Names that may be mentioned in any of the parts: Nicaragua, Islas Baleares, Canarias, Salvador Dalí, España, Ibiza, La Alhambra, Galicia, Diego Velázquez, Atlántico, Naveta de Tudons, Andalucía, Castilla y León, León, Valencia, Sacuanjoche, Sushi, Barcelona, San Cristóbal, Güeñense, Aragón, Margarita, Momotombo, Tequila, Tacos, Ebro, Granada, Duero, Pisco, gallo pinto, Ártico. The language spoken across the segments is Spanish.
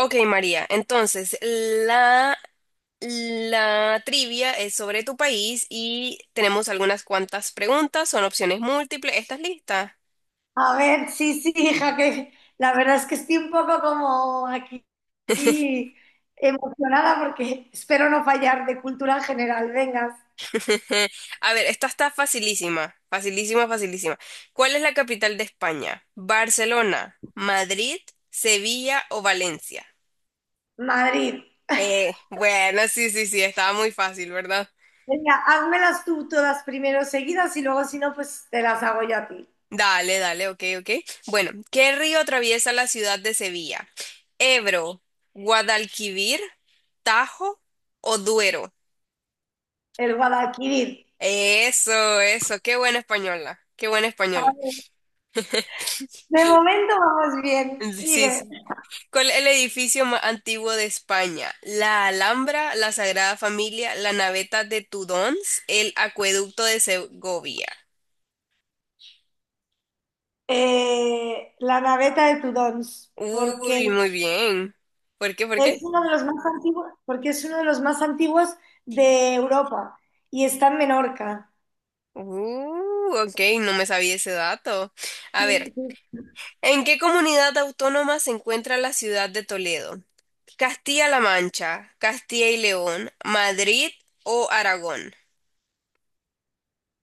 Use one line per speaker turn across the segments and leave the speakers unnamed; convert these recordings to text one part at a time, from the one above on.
Ok, María, entonces la trivia es sobre tu país y tenemos algunas cuantas preguntas, son opciones múltiples. ¿Estás lista?
A ver, sí, sí, hija, que la verdad es que estoy un poco como aquí emocionada porque espero no fallar de cultura general. Vengas,
A ver, esta está facilísima, facilísima, facilísima. ¿Cuál es la capital de España? ¿Barcelona, Madrid, Sevilla o Valencia?
Madrid.
Bueno, sí, sí, sí, estaba muy fácil, ¿verdad?
Venga, házmelas tú todas primero seguidas y luego si no, pues te las hago yo a ti.
Dale, dale, ok, ok. Bueno, ¿qué río atraviesa la ciudad de Sevilla? ¿Ebro, Guadalquivir, Tajo o Duero?
El Guadalquivir.
Eso, qué buena española, qué buena
A
española.
ver, de momento vamos bien,
Sí,
sigue.
sí. ¿Cuál es el edificio más antiguo de España? La Alhambra, la Sagrada Familia, la Naveta de Tudons, el Acueducto de Segovia.
La naveta de Tudons, porque
Uy, muy bien. ¿Por qué? ¿Por
es
qué?
uno de los más antiguos, porque es uno de los más antiguos de Europa y está en Menorca.
Ok, no me sabía ese dato. A
Sí,
ver.
sí.
¿En qué comunidad autónoma se encuentra la ciudad de Toledo? ¿Castilla-La Mancha, Castilla y León, Madrid o Aragón?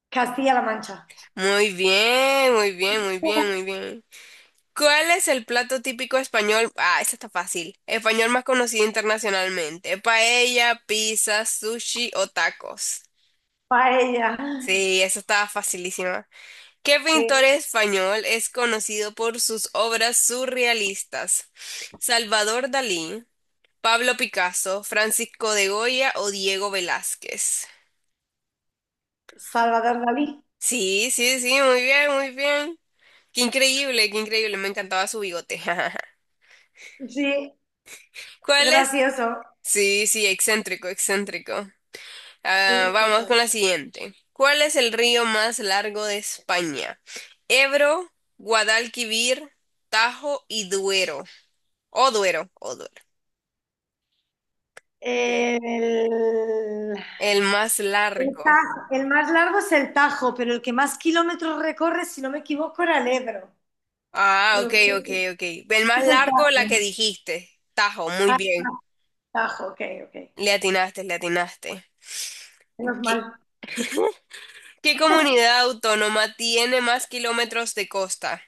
Castilla-La Mancha.
Muy bien, muy bien, muy bien, muy bien. ¿Cuál es el plato típico español? Ah, esa está fácil. Español más conocido internacionalmente. Paella, pizza, sushi o tacos.
Paella
Sí, esa estaba facilísima. ¿Qué
de
pintor español es conocido por sus obras surrealistas? Salvador Dalí. Pablo Picasso, Francisco de Goya o Diego Velázquez.
Salvador Dalí.
Sí, sí, sí, muy bien, muy bien. Qué increíble, me encantaba su bigote.
Sí,
¿Cuál es?
gracioso.
Sí, sí, excéntrico, excéntrico. Ah,
Sí,
vamos con
total.
la siguiente. ¿Cuál es el río más largo de España? Ebro, Guadalquivir, Tajo y Duero. O Duero, o Duero.
El,
El más
el
largo.
El más largo es el Tajo, pero el que más kilómetros recorre, si no me equivoco, era el Ebro.
Ah,
Pero
ok,
es
ok, ok. El más
el
largo, la
Tajo.
que dijiste. Tajo, muy
Ah,
bien.
Tajo, ok, ok.
Le atinaste, le atinaste.
Menos
¿Qué,
mal.
qué comunidad autónoma tiene más kilómetros de costa?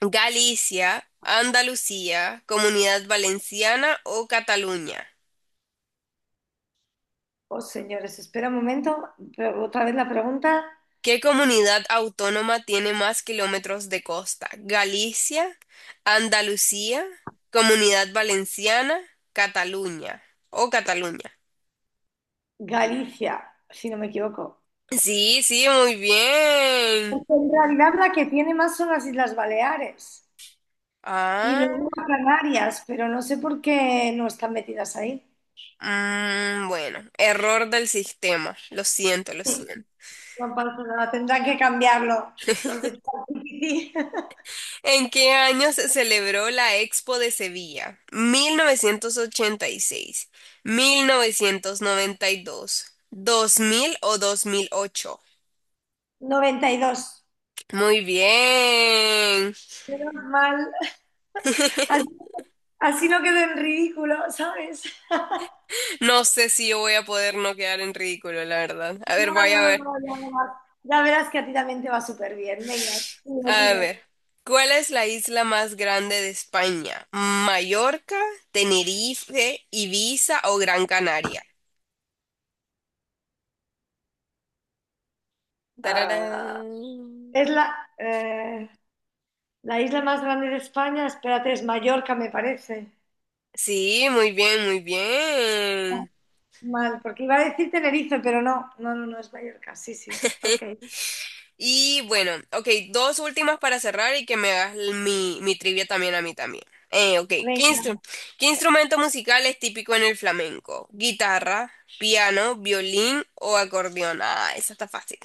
¿Galicia, Andalucía, Comunidad Valenciana o Cataluña?
Oh, señores, espera un momento. Pero otra vez la pregunta.
¿Qué comunidad autónoma tiene más kilómetros de costa? ¿Galicia, Andalucía, Comunidad Valenciana, Cataluña o Cataluña?
Galicia, si no me equivoco.
Sí, sí, muy bien.
Porque en realidad la que tiene más son las Islas Baleares. Y
Ah,
luego a Canarias, pero no sé por qué no están metidas ahí.
bueno, error del sistema. Lo siento, lo
Sí,
siento.
no pasa nada, tendrán que cambiarlo. Los de ChatGPT
¿En qué año se celebró la Expo de Sevilla? ¿1986, 1992, 2000 o 2008?
92.
Muy bien.
Menos mal. Así, así no quedó en ridículo, ¿sabes?
No sé si yo voy a poder no quedar en ridículo, la verdad. A ver,
No,
vaya a
no,
ver.
no, no verás. Ya verás que a ti también te va súper bien. Venga, sí,
A
Oliver.
ver. ¿Cuál es la isla más grande de España? ¿Mallorca, Tenerife, Ibiza o Gran Canaria? Tararán.
Ah, es la, la isla más grande de España. Espérate, es Mallorca, me parece.
Sí, muy bien, muy bien.
Mal, porque iba a decir Tenerife, pero no, no, no, no es Mallorca. Sí, sí. Ok.
Y bueno, ok, dos últimas para cerrar y que me hagas mi trivia también a mí también. Ok, ¿qué
Venga.
instru- qué instrumento musical es típico en el flamenco? ¿Guitarra, piano, violín o acordeón? Ah, eso está fácil.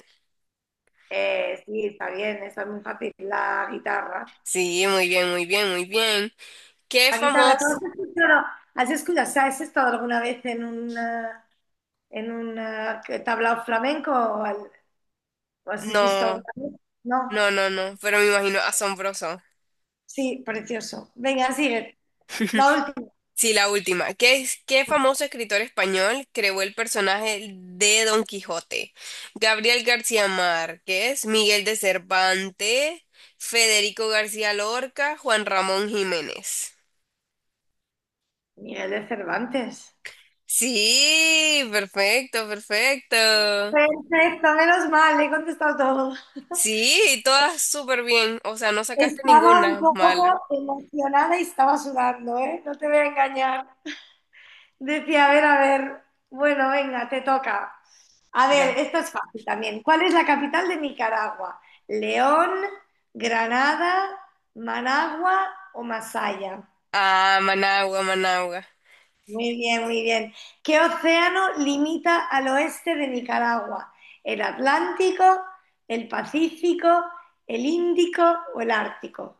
Sí, está bien, está muy fácil. La guitarra.
Sí, muy bien, muy bien, muy bien. ¿Qué
La guitarra, ¿tú
famoso?
has escuchado, has escuchado, o sea, ¿has estado alguna vez en un tablao flamenco o, o has visto alguna
No,
vez? No.
no, no, no, pero me imagino asombroso.
Sí, precioso. Venga, sigue. La última.
Sí, la última. ¿Qué famoso escritor español creó el personaje de Don Quijote? Gabriel García Márquez, Miguel de Cervantes, Federico García Lorca, Juan Ramón Jiménez.
Miguel de Cervantes.
Sí, perfecto, perfecto.
Perfecto, menos mal, he contestado todo.
Sí, todas súper bien. O sea, no sacaste
Estaba un
ninguna
poco
mala.
emocionada y estaba sudando, ¿eh? No te voy a engañar. Decía, a ver, bueno, venga, te toca. A
Ya.
ver, esto es fácil también. ¿Cuál es la capital de Nicaragua? ¿León, Granada, Managua o Masaya?
Ah, Managua, Managua.
Muy bien, muy bien. ¿Qué océano limita al oeste de Nicaragua? ¿El Atlántico, el Pacífico, el Índico o el Ártico?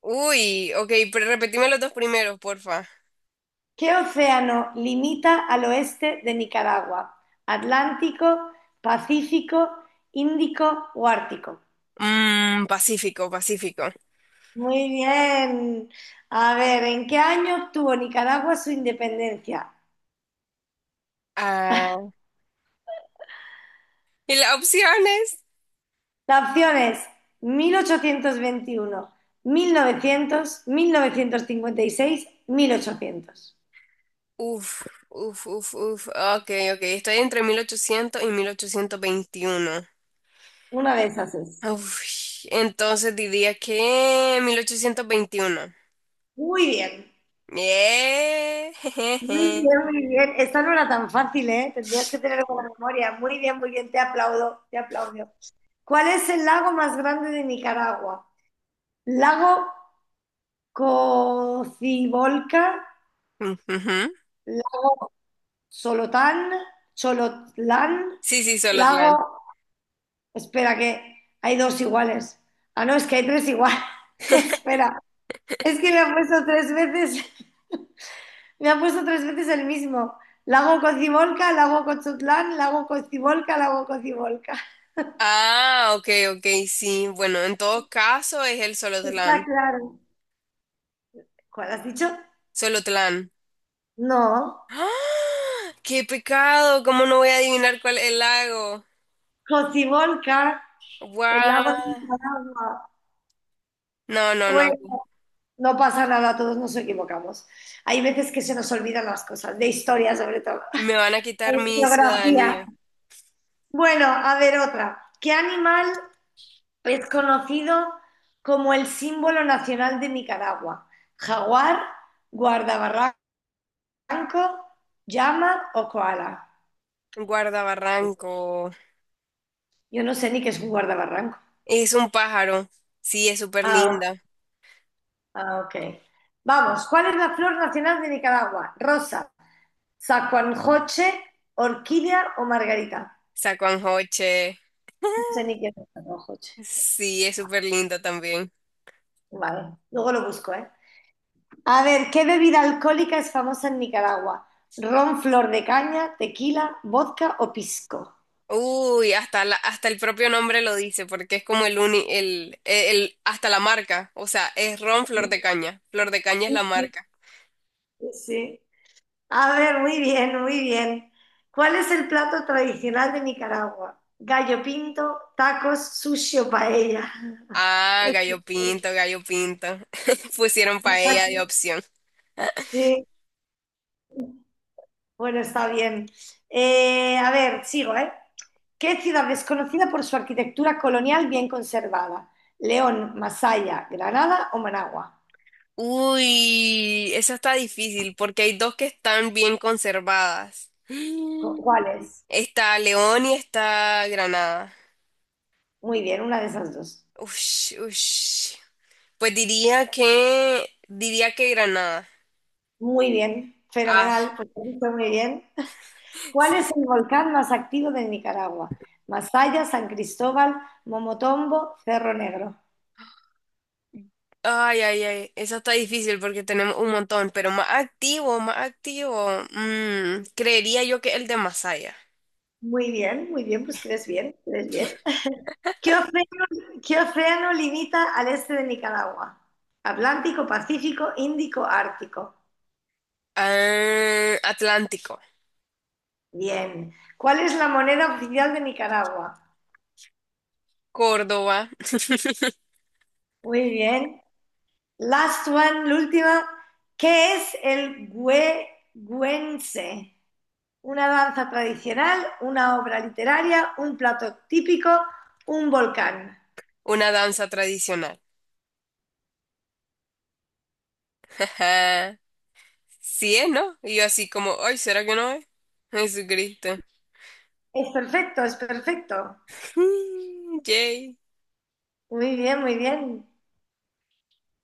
Uy, ok, pero repetime los dos primeros, porfa.
¿Qué océano limita al oeste de Nicaragua? ¿Atlántico, Pacífico, Índico o Ártico?
Pacífico, Pacífico.
Muy bien. A ver, ¿en qué año obtuvo Nicaragua su independencia?
Ah, Y la opción es,
La opción es mil ochocientos veintiuno, mil novecientos cincuenta y seis, mil ochocientos.
uf, uf, uf, uf. Ok, ok. Estoy entre 1800 y 1821.
Una de esas es.
Uf, entonces diría que 1821.
Muy bien.
Yeah.
Muy
jejeje.
bien, muy bien. Esta no era tan fácil, ¿eh? Tendrías que tener buena memoria. Muy bien, muy bien. Te aplaudo, te aplaudo. ¿Cuál es el lago más grande de Nicaragua? ¿Lago Cocibolca?
Ujujú.
¿Lago Solotán? ¿Cholotlán?
Sí, sí, Solotlán.
¿Lago... Espera, que hay dos iguales. Ah, no, es que hay tres iguales. Espera, es que le he puesto tres veces. Me ha puesto tres veces el mismo. Lago Cocibolca, Lago Cochutlán, Lago Cocibolca, Lago Cocibolca.
Ah, ok, ok, sí. Bueno, en todo caso es el
Está
Solotlán.
claro. ¿Cuál has dicho?
Solotlán.
No.
¡Ah! ¡Qué pecado! ¿Cómo no voy a adivinar cuál es el lago?
Cocibolca, el lago
¡Guau!
de Nicaragua.
No, no,
Bueno,
no.
no pasa nada, todos nos equivocamos. Hay veces que se nos olvidan las cosas, de historia sobre todo,
Me van a quitar
de
mi
geografía.
ciudadanía.
Bueno, a ver otra. ¿Qué animal es conocido como el símbolo nacional de Nicaragua? ¿Jaguar, guardabarracas? ¿Barranco, llama o koala?
Guardabarranco.
Yo no sé ni qué es un guardabarranco.
Es un pájaro. Sí, es súper
Ah, o-
linda.
ah, ok. Vamos, ¿cuál es la flor nacional de Nicaragua? Rosa, sacuanjoche, orquídea o margarita.
Sacuanjoche.
No sé ni qué es sacuanjoche.
Sí, es súper linda también.
Vale, luego lo busco, ¿eh? A ver, ¿qué bebida alcohólica es famosa en Nicaragua? Ron, flor de caña, tequila, vodka o pisco.
Uy, hasta el propio nombre lo dice, porque es como el hasta la marca. O sea, es ron Flor de Caña. Flor de Caña es la
Sí, sí,
marca.
sí. A ver, muy bien, muy bien. ¿Cuál es el plato tradicional de Nicaragua? Gallo pinto, tacos, sushi o paella.
Ah,
Es-
gallo pinto, gallo pinto. Pusieron paella de opción.
Sí, bueno, está bien. A ver, sigo, ¿eh? ¿Qué ciudad es conocida por su arquitectura colonial bien conservada? León, Masaya, Granada o Managua.
Uy, esa está difícil porque hay dos que están bien conservadas.
¿Cuál es?
Está León y está Granada.
Muy bien, una de esas dos.
Ush, ush. Pues diría que Granada.
Muy bien,
Ah,
fenomenal, pues lo has dicho muy bien. ¿Cuál es
sí.
el volcán más activo de Nicaragua? Masaya, San Cristóbal, Momotombo, Cerro Negro.
Ay, ay, ay. Eso está difícil porque tenemos un montón, pero más activo, más activo. Creería yo que el de Masaya.
Muy bien, pues crees bien, crees bien. ¿Qué océano, ¿qué océano limita al este de Nicaragua? Atlántico, Pacífico, Índico, Ártico.
Ah, Atlántico.
Bien. ¿Cuál es la moneda oficial de Nicaragua?
Córdoba.
Muy bien. Last one, la última. ¿Qué es el güense? Una danza tradicional, una obra literaria, un plato típico, un volcán.
Una danza tradicional. Sí es, ¿no? Y yo así como, ay, ¿será que no es? Jesucristo.
Es perfecto, es perfecto.
Yay.
Muy bien, muy bien.